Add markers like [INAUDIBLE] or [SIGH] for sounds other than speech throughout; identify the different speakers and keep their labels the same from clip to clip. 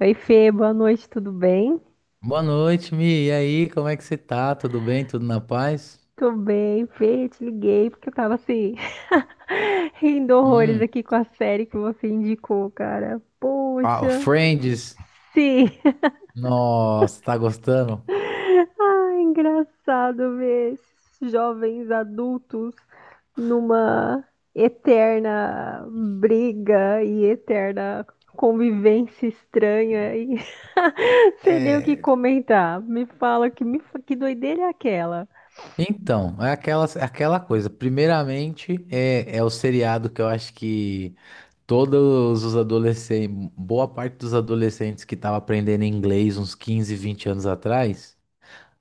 Speaker 1: Oi, Fê, boa noite, tudo bem?
Speaker 2: Boa noite, Mi. E aí, como é que você tá? Tudo bem? Tudo na paz?
Speaker 1: Tô bem, Fê, eu te liguei porque eu tava assim, [LAUGHS] rindo horrores
Speaker 2: Hum.
Speaker 1: aqui com a série que você indicou, cara.
Speaker 2: Ah, o
Speaker 1: Poxa,
Speaker 2: Friends.
Speaker 1: sim. [LAUGHS]
Speaker 2: Nossa, tá gostando?
Speaker 1: Ah, engraçado ver esses jovens adultos numa eterna briga e eterna convivência estranha e [LAUGHS] sei nem o que
Speaker 2: É.
Speaker 1: comentar. Me fala que doideira é aquela?
Speaker 2: Então, é aquela coisa. Primeiramente, é o seriado que eu acho que todos os adolescentes, boa parte dos adolescentes que estavam aprendendo inglês uns 15, 20 anos atrás,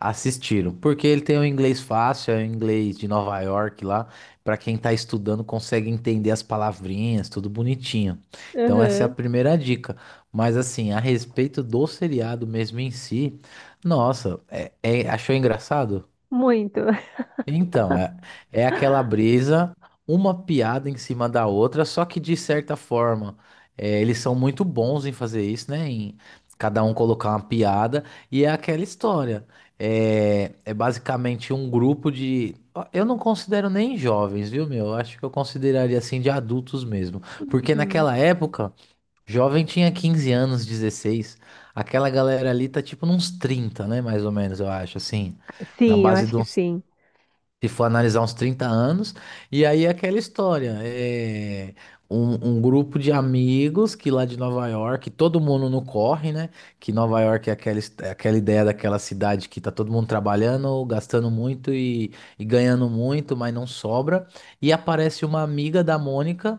Speaker 2: assistiram, porque ele tem um inglês fácil, é o inglês de Nova York lá. Pra quem tá estudando, consegue entender as palavrinhas, tudo bonitinho. Então, essa é a
Speaker 1: Aham,
Speaker 2: primeira dica. Mas, assim, a respeito do seriado mesmo em si, nossa, achou engraçado?
Speaker 1: muito.
Speaker 2: Então, é aquela brisa, uma piada em cima da outra, só que de certa forma, eles são muito bons em fazer isso, né? Em cada um colocar uma piada, e é aquela história. É basicamente um grupo de. Ó, eu não considero nem jovens, viu, meu? Eu acho que eu consideraria assim de adultos mesmo. Porque
Speaker 1: [LAUGHS]
Speaker 2: naquela época, jovem tinha 15 anos, 16. Aquela galera ali tá tipo nos 30, né? Mais ou menos, eu acho, assim. Na
Speaker 1: Sim, eu
Speaker 2: base
Speaker 1: acho
Speaker 2: de
Speaker 1: que
Speaker 2: uns,
Speaker 1: sim.
Speaker 2: se for analisar, uns 30 anos. E aí é aquela história, é um grupo de amigos que lá de Nova York, todo mundo no corre, né? Que Nova York é aquela ideia daquela cidade que tá todo mundo trabalhando, gastando muito e ganhando muito, mas não sobra. E aparece uma amiga da Mônica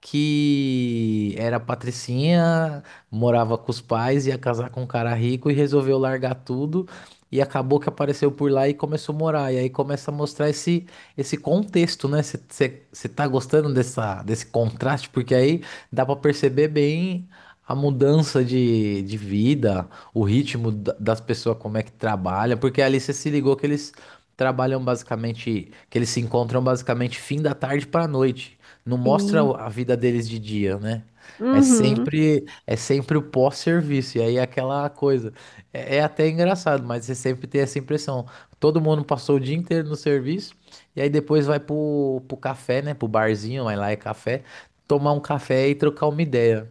Speaker 2: que era patricinha, morava com os pais, ia casar com um cara rico e resolveu largar tudo e acabou que apareceu por lá e começou a morar. E aí começa a mostrar esse contexto, né? Você tá gostando desse contraste? Porque aí dá pra perceber bem a mudança de vida, o ritmo das pessoas, como é que trabalha. Porque ali você se ligou que eles trabalham basicamente, que eles se encontram basicamente fim da tarde pra noite. Não mostra
Speaker 1: Sim.
Speaker 2: a vida deles de dia, né? É
Speaker 1: Uhum.
Speaker 2: sempre, é sempre o pós-serviço. E aí é aquela coisa. É até engraçado, mas você sempre tem essa impressão. Todo mundo passou o dia inteiro no serviço e aí depois vai pro café, né? Pro barzinho, vai lá é café, tomar um café e trocar uma ideia.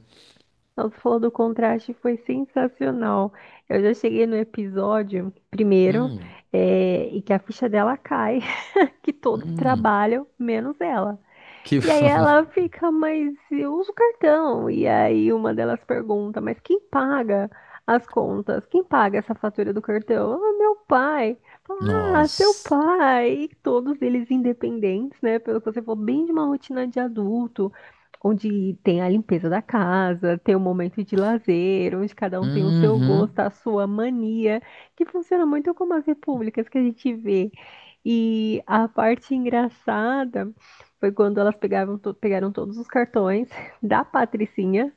Speaker 1: Nossa, falou do contraste, foi sensacional. Eu já cheguei no episódio primeiro,
Speaker 2: Hum,
Speaker 1: é, e que a ficha dela cai, [LAUGHS] que todos
Speaker 2: hum,
Speaker 1: trabalham, menos ela.
Speaker 2: que.
Speaker 1: E aí ela
Speaker 2: [LAUGHS]
Speaker 1: fica, mas eu uso cartão. E aí uma delas pergunta, mas quem paga as contas? Quem paga essa fatura do cartão? Ah, meu pai. Fala, ah, seu
Speaker 2: Nossa.
Speaker 1: pai. E todos eles independentes, né? Pelo que você falou, bem de uma rotina de adulto, onde tem a limpeza da casa, tem o momento de lazer, onde cada um tem o seu gosto,
Speaker 2: Uhum,
Speaker 1: a sua mania, que funciona muito como as repúblicas que a gente vê. E a parte engraçada foi quando pegaram todos os cartões [LAUGHS] da Patricinha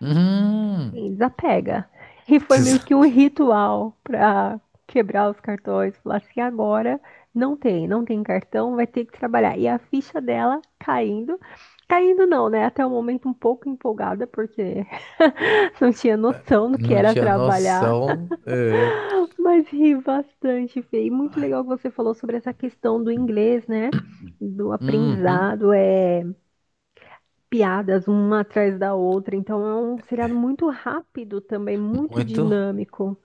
Speaker 2: uhum.
Speaker 1: e desapega. E foi meio que um
Speaker 2: [LAUGHS]
Speaker 1: ritual para quebrar os cartões, falar assim, agora não tem cartão, vai ter que trabalhar. E a ficha dela caindo, caindo não, né? Até o momento um pouco empolgada, porque [LAUGHS] não tinha noção do que
Speaker 2: Não
Speaker 1: era
Speaker 2: tinha
Speaker 1: trabalhar,
Speaker 2: noção. É.
Speaker 1: mas ri bastante, Fê. E muito legal que você falou sobre essa questão do inglês, né? Do
Speaker 2: Uhum,
Speaker 1: aprendizado, é piadas uma atrás da outra. Então é um seriado muito rápido também, muito
Speaker 2: muito.
Speaker 1: dinâmico.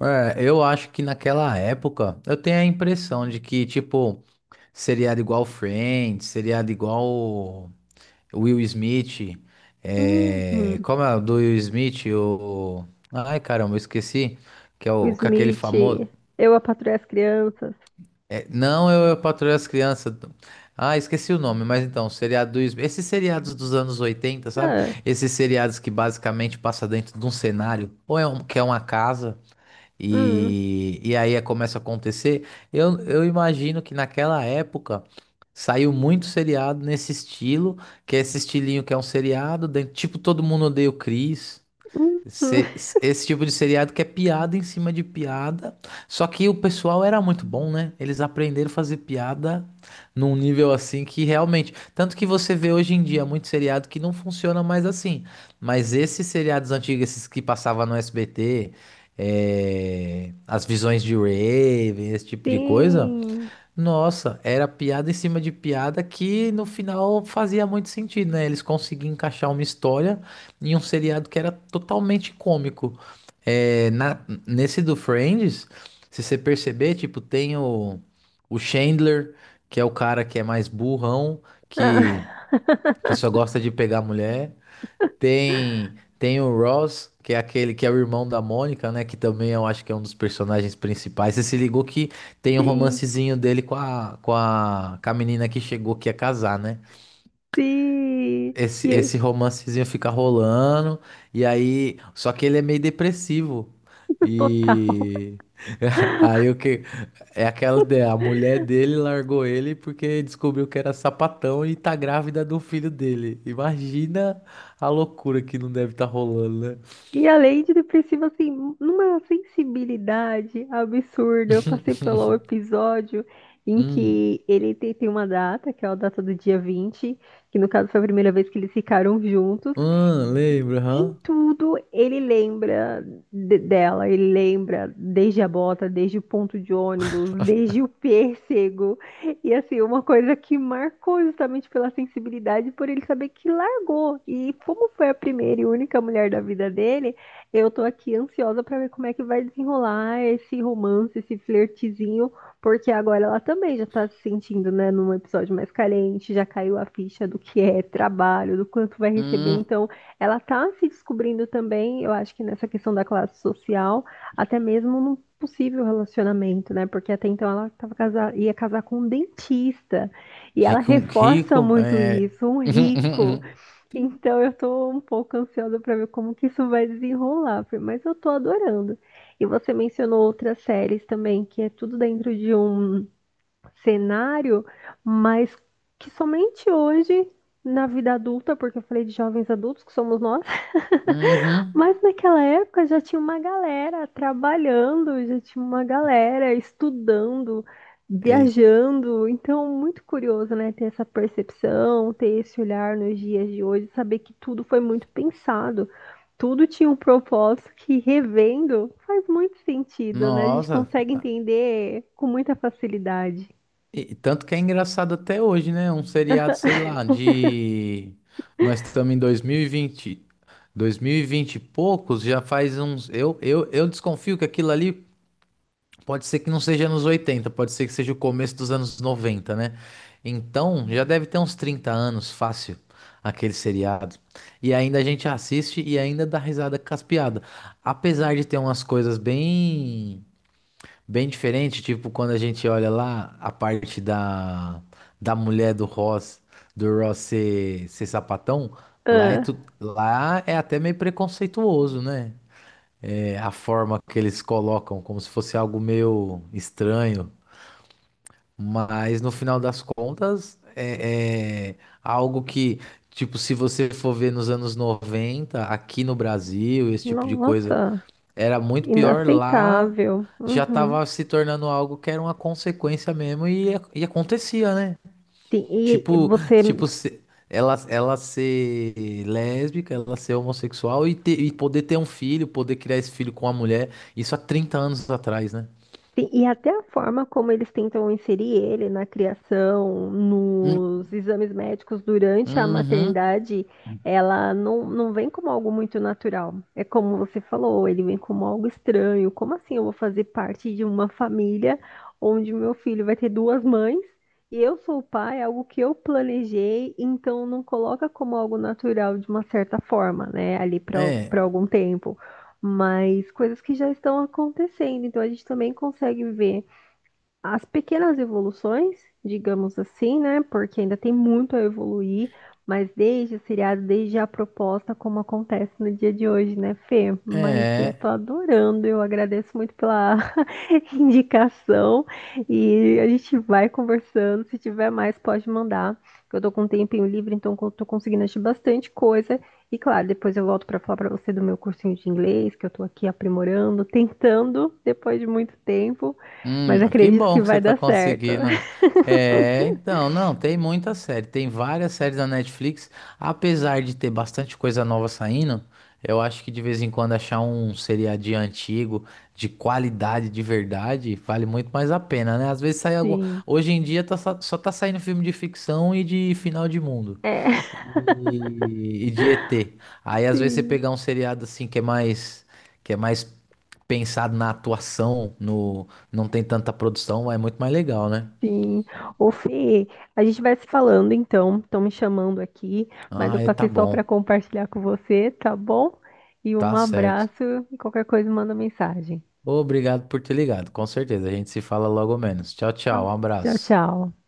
Speaker 2: É, eu acho que naquela época eu tenho a impressão de que, tipo. Seriado igual Friends, seriado igual Will Smith. É.
Speaker 1: Uhum.
Speaker 2: Como é o do Will Smith? O. Ai, caramba, eu esqueci. Que é
Speaker 1: O
Speaker 2: o, com aquele
Speaker 1: Smith,
Speaker 2: famoso.
Speaker 1: Eu, a Patroa e as Crianças.
Speaker 2: Não, eu patroei as crianças. Ah, esqueci o nome, mas então, o seriado do Will Smith. Esses seriados dos anos 80, sabe?
Speaker 1: Ah,
Speaker 2: Esses seriados que basicamente passa dentro de um cenário, ou é um, que é uma casa,
Speaker 1: hum,
Speaker 2: e aí começa a acontecer. Eu imagino que naquela época saiu muito seriado nesse estilo, que é esse estilinho que é um seriado, tipo Todo Mundo Odeia o Chris.
Speaker 1: hum.
Speaker 2: Se- Esse tipo de seriado que é piada em cima de piada. Só que o pessoal era muito bom, né? Eles aprenderam a fazer piada num nível assim que realmente. Tanto que você vê hoje em dia muito seriado que não funciona mais assim. Mas esses seriados antigos, esses que passavam no SBT, as visões de Raven, esse tipo de coisa.
Speaker 1: Sim.
Speaker 2: Nossa, era piada em cima de piada que no final fazia muito sentido, né? Eles conseguiam encaixar uma história em um seriado que era totalmente cômico. É, nesse do Friends, se você perceber, tipo, tem o Chandler, que, é o cara que é mais burrão,
Speaker 1: Ah,
Speaker 2: que, que
Speaker 1: [LAUGHS]
Speaker 2: só gosta de pegar mulher. Tem o Ross, que é aquele que é o irmão da Mônica, né? Que também eu acho que é um dos personagens principais. Você se ligou que tem um
Speaker 1: sim,
Speaker 2: romancezinho dele com a menina que chegou que ia casar, né?
Speaker 1: sim.
Speaker 2: Esse,
Speaker 1: E
Speaker 2: esse romancezinho fica rolando, e aí. Só que ele é meio depressivo.
Speaker 1: total.
Speaker 2: E. [LAUGHS]
Speaker 1: [LAUGHS]
Speaker 2: Aí o que. É aquela ideia, a mulher dele largou ele porque descobriu que era sapatão e tá grávida do filho dele. Imagina a loucura que não deve estar rolando, né?
Speaker 1: E além de depressivo, assim, numa sensibilidade absurda, eu passei pelo
Speaker 2: [LAUGHS]
Speaker 1: episódio em
Speaker 2: Hum.
Speaker 1: que ele tem uma data, que é a data do dia 20, que no caso foi a primeira vez que eles ficaram juntos,
Speaker 2: Lembro,
Speaker 1: em
Speaker 2: hã?
Speaker 1: tudo ele lembra dela, ele lembra desde a bota, desde o ponto de ônibus, desde
Speaker 2: [LAUGHS]
Speaker 1: o pêssego. E assim, uma coisa que marcou justamente pela sensibilidade, por ele saber que largou. E como foi a primeira e única mulher da vida dele, eu tô aqui ansiosa pra ver como é que vai desenrolar esse romance, esse flertezinho, porque agora ela também já tá se sentindo, né, num episódio mais carente, já caiu a ficha do que é trabalho, do quanto vai receber,
Speaker 2: Hum.
Speaker 1: então ela está se descobrindo também, eu acho que nessa questão da classe social, até mesmo num possível relacionamento, né? Porque até então ela tava ia casar com um dentista. E ela
Speaker 2: Rico,
Speaker 1: reforça
Speaker 2: rico,
Speaker 1: muito
Speaker 2: é.
Speaker 1: isso, um
Speaker 2: [LAUGHS]
Speaker 1: rico. Então eu tô um pouco ansiosa para ver como que isso vai desenrolar, Fê, mas eu tô adorando. E você mencionou outras séries também, que é tudo dentro de um cenário, mas que somente hoje, na vida adulta, porque eu falei de jovens adultos, que somos nós.
Speaker 2: Uhum.
Speaker 1: Mas naquela época já tinha uma galera trabalhando, já tinha uma galera estudando,
Speaker 2: Ex-
Speaker 1: viajando. Então, muito curioso, né? Ter essa percepção, ter esse olhar nos dias de hoje, saber que tudo foi muito pensado, tudo tinha um propósito que, revendo, faz muito sentido, né? A gente
Speaker 2: Nossa.
Speaker 1: consegue entender com muita facilidade.
Speaker 2: Tanto que é engraçado até hoje, né? Um seriado, sei lá, de. Nós estamos em 2020. 2020 e vinte. Dois mil e vinte e poucos, já faz uns. Eu desconfio que aquilo ali pode ser que não seja anos 80, pode ser que seja o começo dos anos 90, né? Então, já deve ter uns 30 anos, fácil, aquele seriado. E ainda a gente assiste e ainda dá risada com as piadas. Apesar de ter umas coisas bem. Bem diferente, tipo, quando a gente olha lá a parte da mulher do Ross, do Ross ser sapatão,
Speaker 1: Ah,
Speaker 2: lá é até meio preconceituoso, né? É, a forma que eles colocam, como se fosse algo meio estranho. Mas no final das contas, é algo que, tipo, se você for ver nos anos 90 aqui no Brasil, esse tipo de coisa,
Speaker 1: nossa,
Speaker 2: era muito pior lá.
Speaker 1: inaceitável.
Speaker 2: Já
Speaker 1: Uhum.
Speaker 2: tava se tornando algo que era uma consequência mesmo e acontecia, né?
Speaker 1: Sim, e
Speaker 2: Tipo,
Speaker 1: você
Speaker 2: tipo, ela ser lésbica, ela ser homossexual e poder ter um filho, poder criar esse filho com uma mulher, isso há 30 anos atrás, né?
Speaker 1: sim, e até a forma como eles tentam inserir ele na criação,
Speaker 2: Hum,
Speaker 1: nos exames médicos durante a
Speaker 2: Uhum.
Speaker 1: maternidade, ela não vem como algo muito natural. É como você falou, ele vem como algo estranho. Como assim eu vou fazer parte de uma família onde meu filho vai ter duas mães e eu sou o pai, é algo que eu planejei, então não coloca como algo natural de uma certa forma, né? Ali
Speaker 2: É,
Speaker 1: para algum tempo mas coisas que já estão acontecendo. Então a gente também consegue ver as pequenas evoluções, digamos assim, né? Porque ainda tem muito a evoluir, mas desde o seriado, desde a proposta, como acontece no dia de hoje, né, Fê? Mas eu tô
Speaker 2: é.
Speaker 1: adorando, eu agradeço muito pela [LAUGHS] indicação e a gente vai conversando. Se tiver mais, pode mandar. Eu tô com um tempinho livre, então eu tô conseguindo assistir bastante coisa. E claro, depois eu volto para falar para você do meu cursinho de inglês, que eu tô aqui aprimorando, tentando depois de muito tempo. Mas
Speaker 2: Que
Speaker 1: acredito
Speaker 2: bom
Speaker 1: que
Speaker 2: que
Speaker 1: vai
Speaker 2: você tá
Speaker 1: dar certo.
Speaker 2: conseguindo.
Speaker 1: [LAUGHS]
Speaker 2: É, então, não, tem muita série, tem várias séries da Netflix, apesar de ter bastante coisa nova saindo, eu acho que de vez em quando achar um seriadinho antigo, de qualidade, de verdade, vale muito mais a pena, né? Às vezes sai algum.
Speaker 1: Sim,
Speaker 2: Hoje em dia só tá saindo filme de ficção e de final de mundo
Speaker 1: é.
Speaker 2: e de ET. Aí às vezes você
Speaker 1: sim,
Speaker 2: pegar um seriado assim que é mais pensado na atuação, não tem tanta produção, é muito mais legal, né?
Speaker 1: sim. Ô, Fê, a gente vai se falando então. Estão me chamando aqui, mas eu
Speaker 2: Ah, é,
Speaker 1: passei
Speaker 2: tá
Speaker 1: só para
Speaker 2: bom,
Speaker 1: compartilhar com você, tá bom? E um
Speaker 2: tá certo.
Speaker 1: abraço e qualquer coisa manda mensagem.
Speaker 2: Obrigado por ter ligado, com certeza. A gente se fala logo menos. Tchau,
Speaker 1: Tá?
Speaker 2: tchau, um
Speaker 1: Tchau,
Speaker 2: abraço.
Speaker 1: tchau.